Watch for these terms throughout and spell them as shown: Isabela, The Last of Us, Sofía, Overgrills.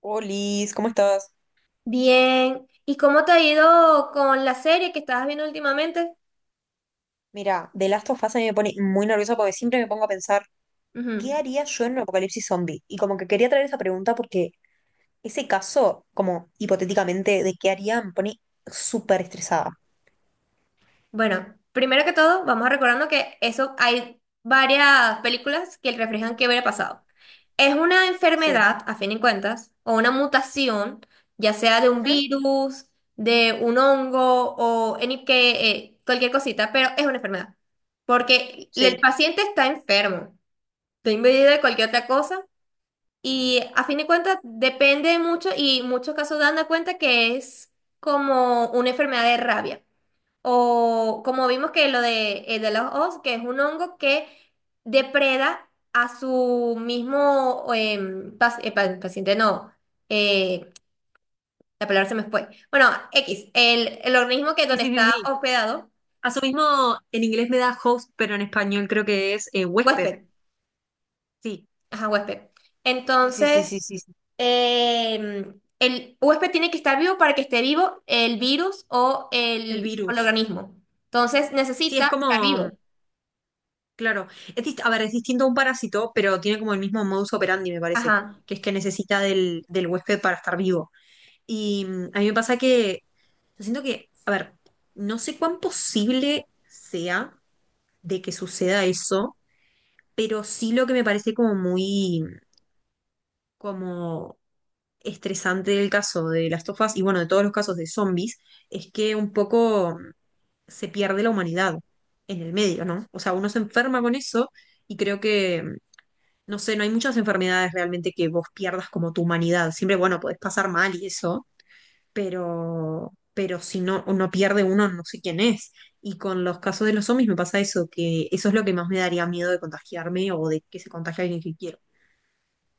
Olis, ¿cómo estás? Bien. ¿Y cómo te ha ido con la serie que estabas viendo últimamente? Mira, The Last of Us a mí me pone muy nerviosa porque siempre me pongo a pensar, ¿qué Ujú. haría yo en un apocalipsis zombie? Y como que quería traer esa pregunta porque ese caso, como hipotéticamente, de qué haría, me pone súper estresada. Bueno, primero que todo, vamos recordando que eso hay varias películas que reflejan qué hubiera pasado. Es una Sí. enfermedad, a fin de cuentas, o una mutación, ya sea de un Ujú. virus, de un hongo o en que, cualquier cosita, pero es una enfermedad. Porque el Sí. paciente está enfermo, está invadido de cualquier otra cosa. Y a fin de cuentas depende mucho y muchos casos dan cuenta que es como una enfermedad de rabia. O como vimos que lo de los os, que es un hongo que depreda a su mismo paciente, no, eh, la palabra se me fue. Bueno, X, el organismo que Sí, donde sí, sí, está sí. hospedado, A su mismo, en inglés me da host, pero en español creo que es huésped. huésped, Sí. ajá, huésped. Sí, sí, sí, Entonces sí, sí, sí. eh, el huésped tiene que estar vivo para que esté vivo el virus o El el virus. organismo. Entonces Sí, es necesita estar como, vivo. claro. A ver, es distinto a un parásito, pero tiene como el mismo modus operandi, me parece, Ajá. que es que necesita del huésped para estar vivo. Y a mí me pasa que yo siento que, a ver, no sé cuán posible sea de que suceda eso, pero sí lo que me parece como muy, como estresante del caso de las tofas y bueno, de todos los casos de zombies, es que un poco se pierde la humanidad en el medio, ¿no? O sea, uno se enferma con eso y creo que no sé, no hay muchas enfermedades realmente que vos pierdas como tu humanidad. Siempre, bueno, podés pasar mal y eso, pero si no, no pierde uno, no sé quién es. Y con los casos de los zombies me pasa eso, que eso es lo que más me daría miedo de contagiarme o de que se contagie alguien que quiero.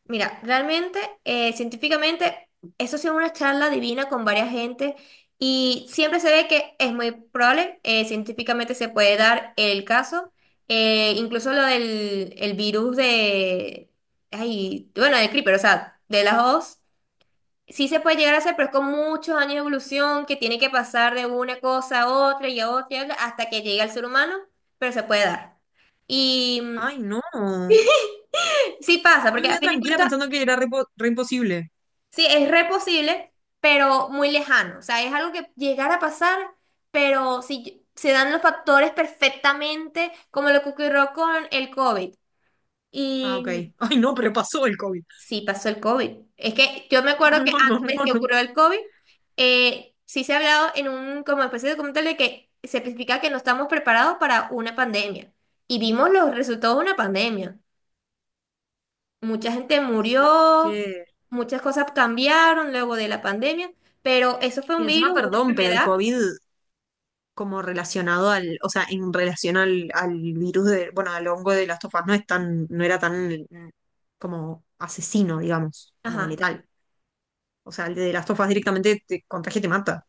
Mira, realmente, científicamente, eso ha sido una charla divina con varias gente y siempre se ve que es muy probable, científicamente se puede dar el caso, incluso lo del el virus de, ay, bueno, del creeper, o sea, de las dos. Sí se puede llegar a hacer, pero es con muchos años de evolución que tiene que pasar de una cosa a otra y a otra y a otra, hasta que llegue al ser humano, pero se puede dar. Y Ay, no. sí pasa, Yo porque a vivía fin de tranquila cuentas, pensando que era re imposible. sí, es re posible, pero muy lejano. O sea, es algo que llegar a pasar, pero si se dan los factores perfectamente, como lo que ocurrió con el COVID. Ah, ok. Y Ay, no, pero pasó el COVID. sí, pasó el COVID. Es que yo me Oh, acuerdo que no, no, no, antes que no. ocurrió el COVID, sí se ha hablado en un como especie de documental de que se especifica que no estamos preparados para una pandemia. Y vimos los resultados de una pandemia. Mucha gente Sí, es murió, que... muchas cosas cambiaron luego de la pandemia, pero eso fue un Y encima, virus, una perdón, pero el enfermedad. COVID como relacionado al, o sea, en relación al virus de, bueno, al hongo de Last of Us no es tan, no era tan como asesino, digamos, como Ajá. letal. O sea, el de Last of Us directamente te contagia y te mata.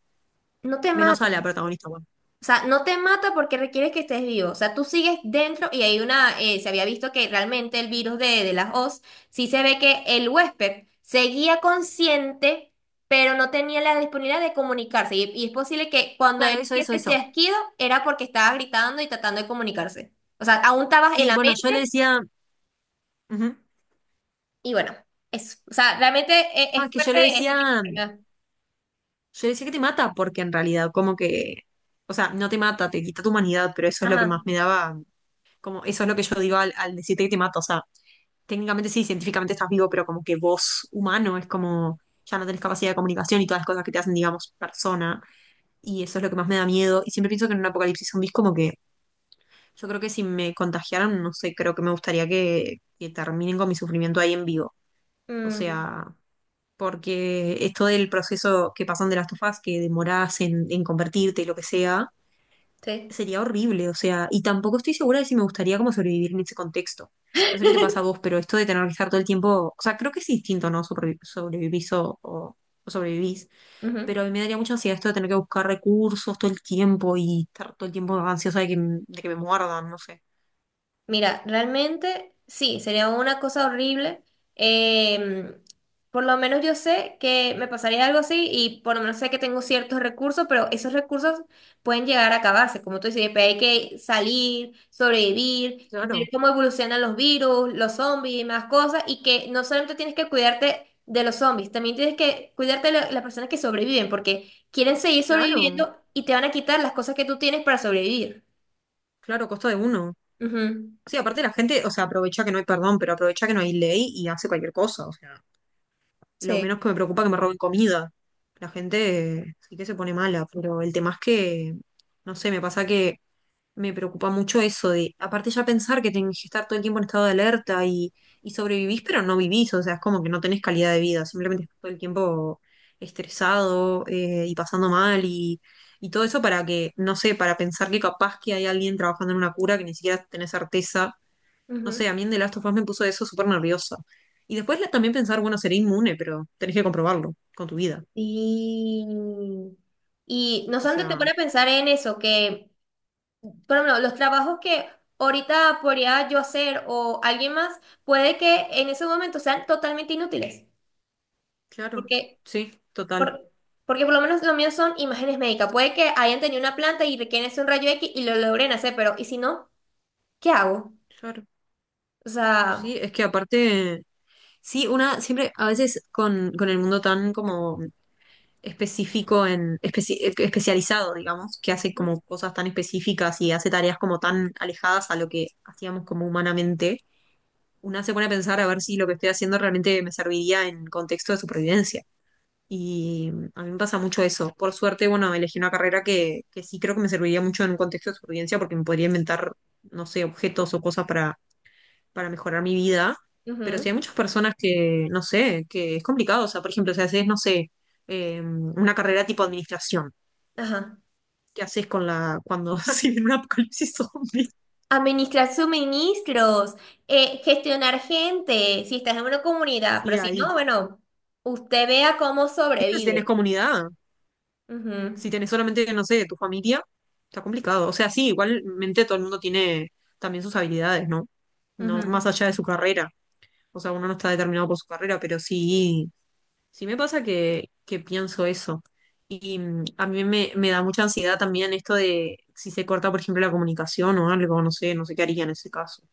No te Menos mata. a la protagonista, bueno. O sea, no te mata porque requiere que estés vivo. O sea, tú sigues dentro y hay una, se había visto que realmente el virus de las Oz, sí se ve que el huésped seguía consciente, pero no tenía la disponibilidad de comunicarse. Y es posible que cuando Claro, él eso, hacía eso, ese eso. chasquido era porque estaba gritando y tratando de comunicarse. O sea, aún estabas en Sí, la bueno, yo le mente decía, ujú. y bueno, eso. O sea, realmente No, es, es es que fuerte este tipo de enfermedad. yo le decía que te mata, porque en realidad como que, o sea, no te mata, te quita tu humanidad, pero eso es lo que más Ajá. me daba, como, eso es lo que yo digo al decirte que te mata, o sea, técnicamente sí, científicamente estás vivo, pero como que vos, humano, es como ya no tenés capacidad de comunicación y todas las cosas que te hacen, digamos, persona. Y eso es lo que más me da miedo. Y siempre pienso que en un apocalipsis zombies como que yo creo que si me contagiaran, no sé, creo que me gustaría que terminen con mi sufrimiento ahí en vivo. O Mm, sea, porque esto del proceso que pasan de las tofas, que demorás en convertirte y lo que sea, sí. sería horrible, o sea, y tampoco estoy segura de si me gustaría como sobrevivir en ese contexto. No sé qué te pasa a vos, pero esto de tener que estar todo el tiempo, o sea, creo que es distinto, ¿no? Sobrevivís o sobrevivís, Ujú. pero a mí me daría mucha ansiedad esto de tener que buscar recursos todo el tiempo y estar todo el tiempo ansiosa de que, de que me muerdan, no sé. Mira, realmente sí, sería una cosa horrible. Em, por lo menos yo sé que me pasaría algo así y por lo menos sé que tengo ciertos recursos, pero esos recursos pueden llegar a acabarse. Como tú dices, después hay que salir, sobrevivir, ver Claro, cómo evolucionan los virus, los zombies y más cosas. Y que no solamente tienes que cuidarte de los zombies, también tienes que cuidarte de las personas que sobreviven, porque quieren seguir claro, sobreviviendo y te van a quitar las cosas que tú tienes para sobrevivir. claro, costa de uno. Ujú. Sí, aparte la gente, o sea, aprovecha que no hay perdón, pero aprovecha que no hay ley y hace cualquier cosa, o sea. Lo Sí. menos que me preocupa que me roben comida. La gente sí que se pone mala, pero el tema es que, no sé, me pasa que me preocupa mucho eso de, aparte ya pensar que tenés que estar todo el tiempo en estado de alerta y sobrevivís, pero no vivís, o sea, es como que no tenés calidad de vida, simplemente estás todo el tiempo estresado y pasando mal y todo eso para que, no sé, para pensar que capaz que hay alguien trabajando en una cura que ni siquiera tenés certeza. No Ujú. sé, a mí en The Last of Us me puso eso súper nerviosa. Y después también pensar, bueno, seré inmune, pero tenés que comprobarlo con tu vida. Sí. Y no O solamente te sea, pone a pensar en eso, que, por ejemplo, los trabajos que ahorita podría yo hacer o alguien más, puede que en ese momento sean totalmente inútiles. claro, Porque, sí, total. por, porque por lo menos los míos son imágenes médicas. Puede que hayan tenido una planta y requieren hacer un rayo X y lo logren hacer, pero ¿y si no? ¿Qué hago? Claro. O sea, Sí, es que aparte, sí, una siempre, a veces con el mundo tan como específico en, especializado, digamos, que hace ujú, como cosas tan específicas y hace tareas como tan alejadas a lo que hacíamos como humanamente, una se pone a pensar a ver si lo que estoy haciendo realmente me serviría en contexto de supervivencia. Y a mí me pasa mucho eso. Por suerte, bueno, elegí una carrera que sí creo que me serviría mucho en un contexto de supervivencia porque me podría inventar, no sé, objetos o cosas para mejorar mi vida. Pero sí ujú, hay muchas personas que, no sé, que es complicado. O sea, por ejemplo, si haces, no sé, una carrera tipo administración, ajá. ¿qué haces con la, cuando se viene un apocalipsis zombie? Administrar suministros, gestionar gente, si estás en una comunidad, pero Sí, si no, ahí. bueno, usted vea cómo Siempre si tenés sobrevive. comunidad. Ujú, Si tenés solamente, no sé, tu familia, está complicado. O sea, sí, igualmente todo el mundo tiene también sus habilidades, ¿no? No, más ujú. allá de su carrera. O sea, uno no está determinado por su carrera, pero sí, sí me pasa que pienso eso. Y a mí me, me da mucha ansiedad también esto de si se corta, por ejemplo, la comunicación o algo, no sé, no sé qué haría en ese caso.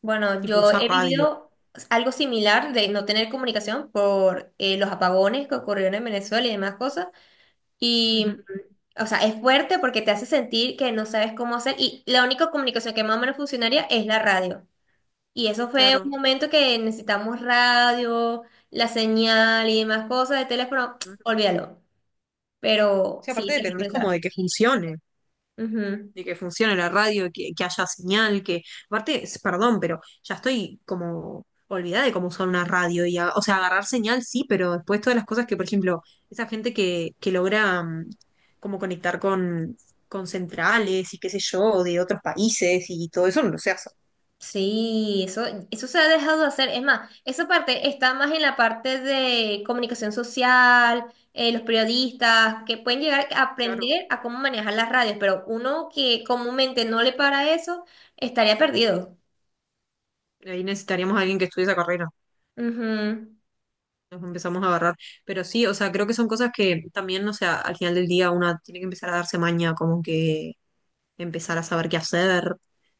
Bueno, Tipo, yo usar he radio. vivido algo similar de no tener comunicación por los apagones que ocurrieron en Venezuela y demás cosas. Y Ujú, o sea, es fuerte porque te hace sentir que no sabes cómo hacer y la única comunicación que más o menos funcionaría es la radio. Y eso fue un claro. momento que necesitamos radio, la señal y demás cosas de teléfono, O olvídalo. Pero sea, aparte sí, te hace dependés como pensar. de que funcione. Ujú. De que funcione la radio, que haya señal, que aparte, perdón, pero ya estoy como olvidada de cómo usar una radio y, o sea, agarrar señal sí, pero después todas las cosas que, por ejemplo, esa gente que logra como conectar con centrales y qué sé yo, de otros países y todo eso no se hace. Sí, eso se ha dejado de hacer. Es más, esa parte está más en la parte de comunicación social, los periodistas, que pueden llegar a Claro. aprender a cómo manejar las radios, pero uno que comúnmente no le para eso, estaría perdido. Ahí necesitaríamos a alguien que estudie esa carrera. Ujú. Nos empezamos a agarrar. Pero sí, o sea, creo que son cosas que también, o sea, al final del día una tiene que empezar a darse maña, como que empezar a saber qué hacer.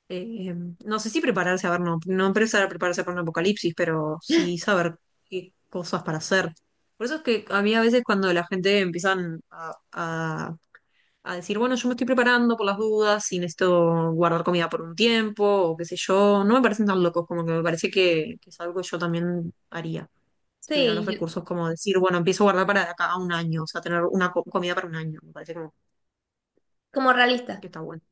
Eh, no sé si prepararse, a ver, no, no empezar a prepararse para un apocalipsis, pero sí saber qué cosas para hacer. Por eso es que a mí a veces cuando la gente empiezan a decir, bueno, yo me estoy preparando por las dudas y necesito guardar comida por un tiempo o qué sé yo, no me parecen tan locos, como que me parece que es algo que yo también haría. Si tuviera los Sí, yo, recursos, como decir, bueno, empiezo a guardar para de acá a un año, o sea, tener una comida para un año, me parece como como realista. que está bueno.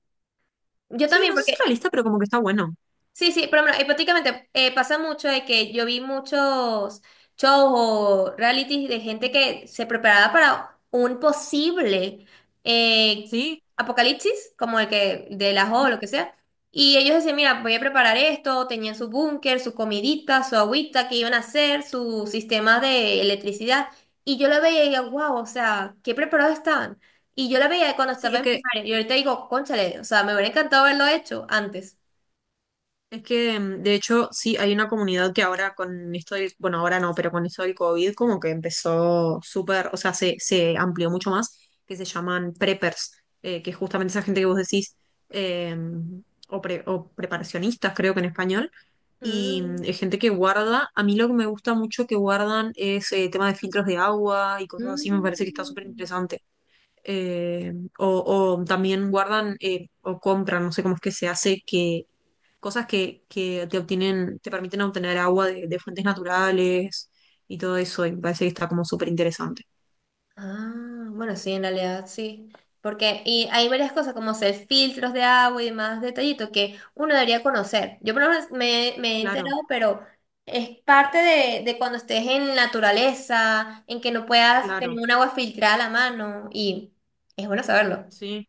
Yo Sí, también, no sé porque si realista, pero como que está bueno. sí, sí, pero bueno, hipotéticamente pasa mucho de que yo vi muchos shows o realities de gente que se preparaba para un posible eh, Sí, apocalipsis, como el que de las o ujú. lo que sea, y ellos decían, mira, voy a preparar esto, tenían su búnker, su comidita, su agüita que iban a hacer, su sistema de electricidad, y yo lo veía y digo, wow, o sea, qué preparados estaban. Y yo la veía cuando Sí, estaba en primaria, y ahorita digo, cónchale, o sea, me hubiera encantado haberlo hecho antes. es que de hecho sí hay una comunidad que ahora con esto del, bueno, ahora no, pero con esto del COVID como que empezó súper, o sea, se amplió mucho más, que se llaman preppers, que es justamente esa gente que vos decís, eh, o, o preparacionistas creo que en español, y Mm. Es gente que guarda, a mí lo que me gusta mucho que guardan es tema de filtros de agua y cosas así, me parece que está súper Mm. interesante. eh, o, o también guardan o compran, no sé cómo es que se hace, que cosas que te obtienen, te permiten obtener agua de fuentes naturales y todo eso, y me parece que está como súper interesante. Ah, bueno, sí, en realidad sí. Porque y hay varias cosas como hacer filtros de agua y más detallitos que uno debería conocer. Yo por lo menos me he Claro, enterado, pero es parte de cuando estés en naturaleza, en que no puedas tener claro, un agua filtrada a la mano y es bueno saberlo. sí.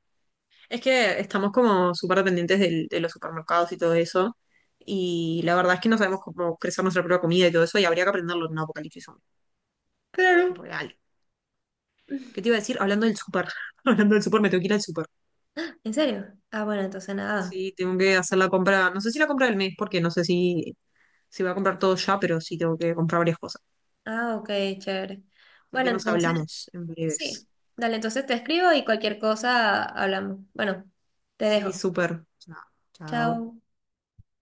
Es que estamos como súper dependientes de los supermercados y todo eso, y la verdad es que no sabemos cómo crecer nuestra propia comida y todo eso, y habría que aprenderlo en un apocalipsis zombie, Claro. real. ¿Qué te iba a decir? Hablando del súper, hablando del súper, me tengo que ir al súper. ¿En serio? Ah, bueno, entonces nada. Sí, tengo que hacer la compra, no sé si la compra del mes, porque no sé si, si voy a comprar todo ya, pero sí tengo que comprar varias cosas. Ah, ok, chévere. Así Bueno, que nos entonces hablamos en sí. breves. Dale, entonces te escribo y cualquier cosa hablamos. Bueno, te Sí, dejo. súper. Chao. Chao. Chao.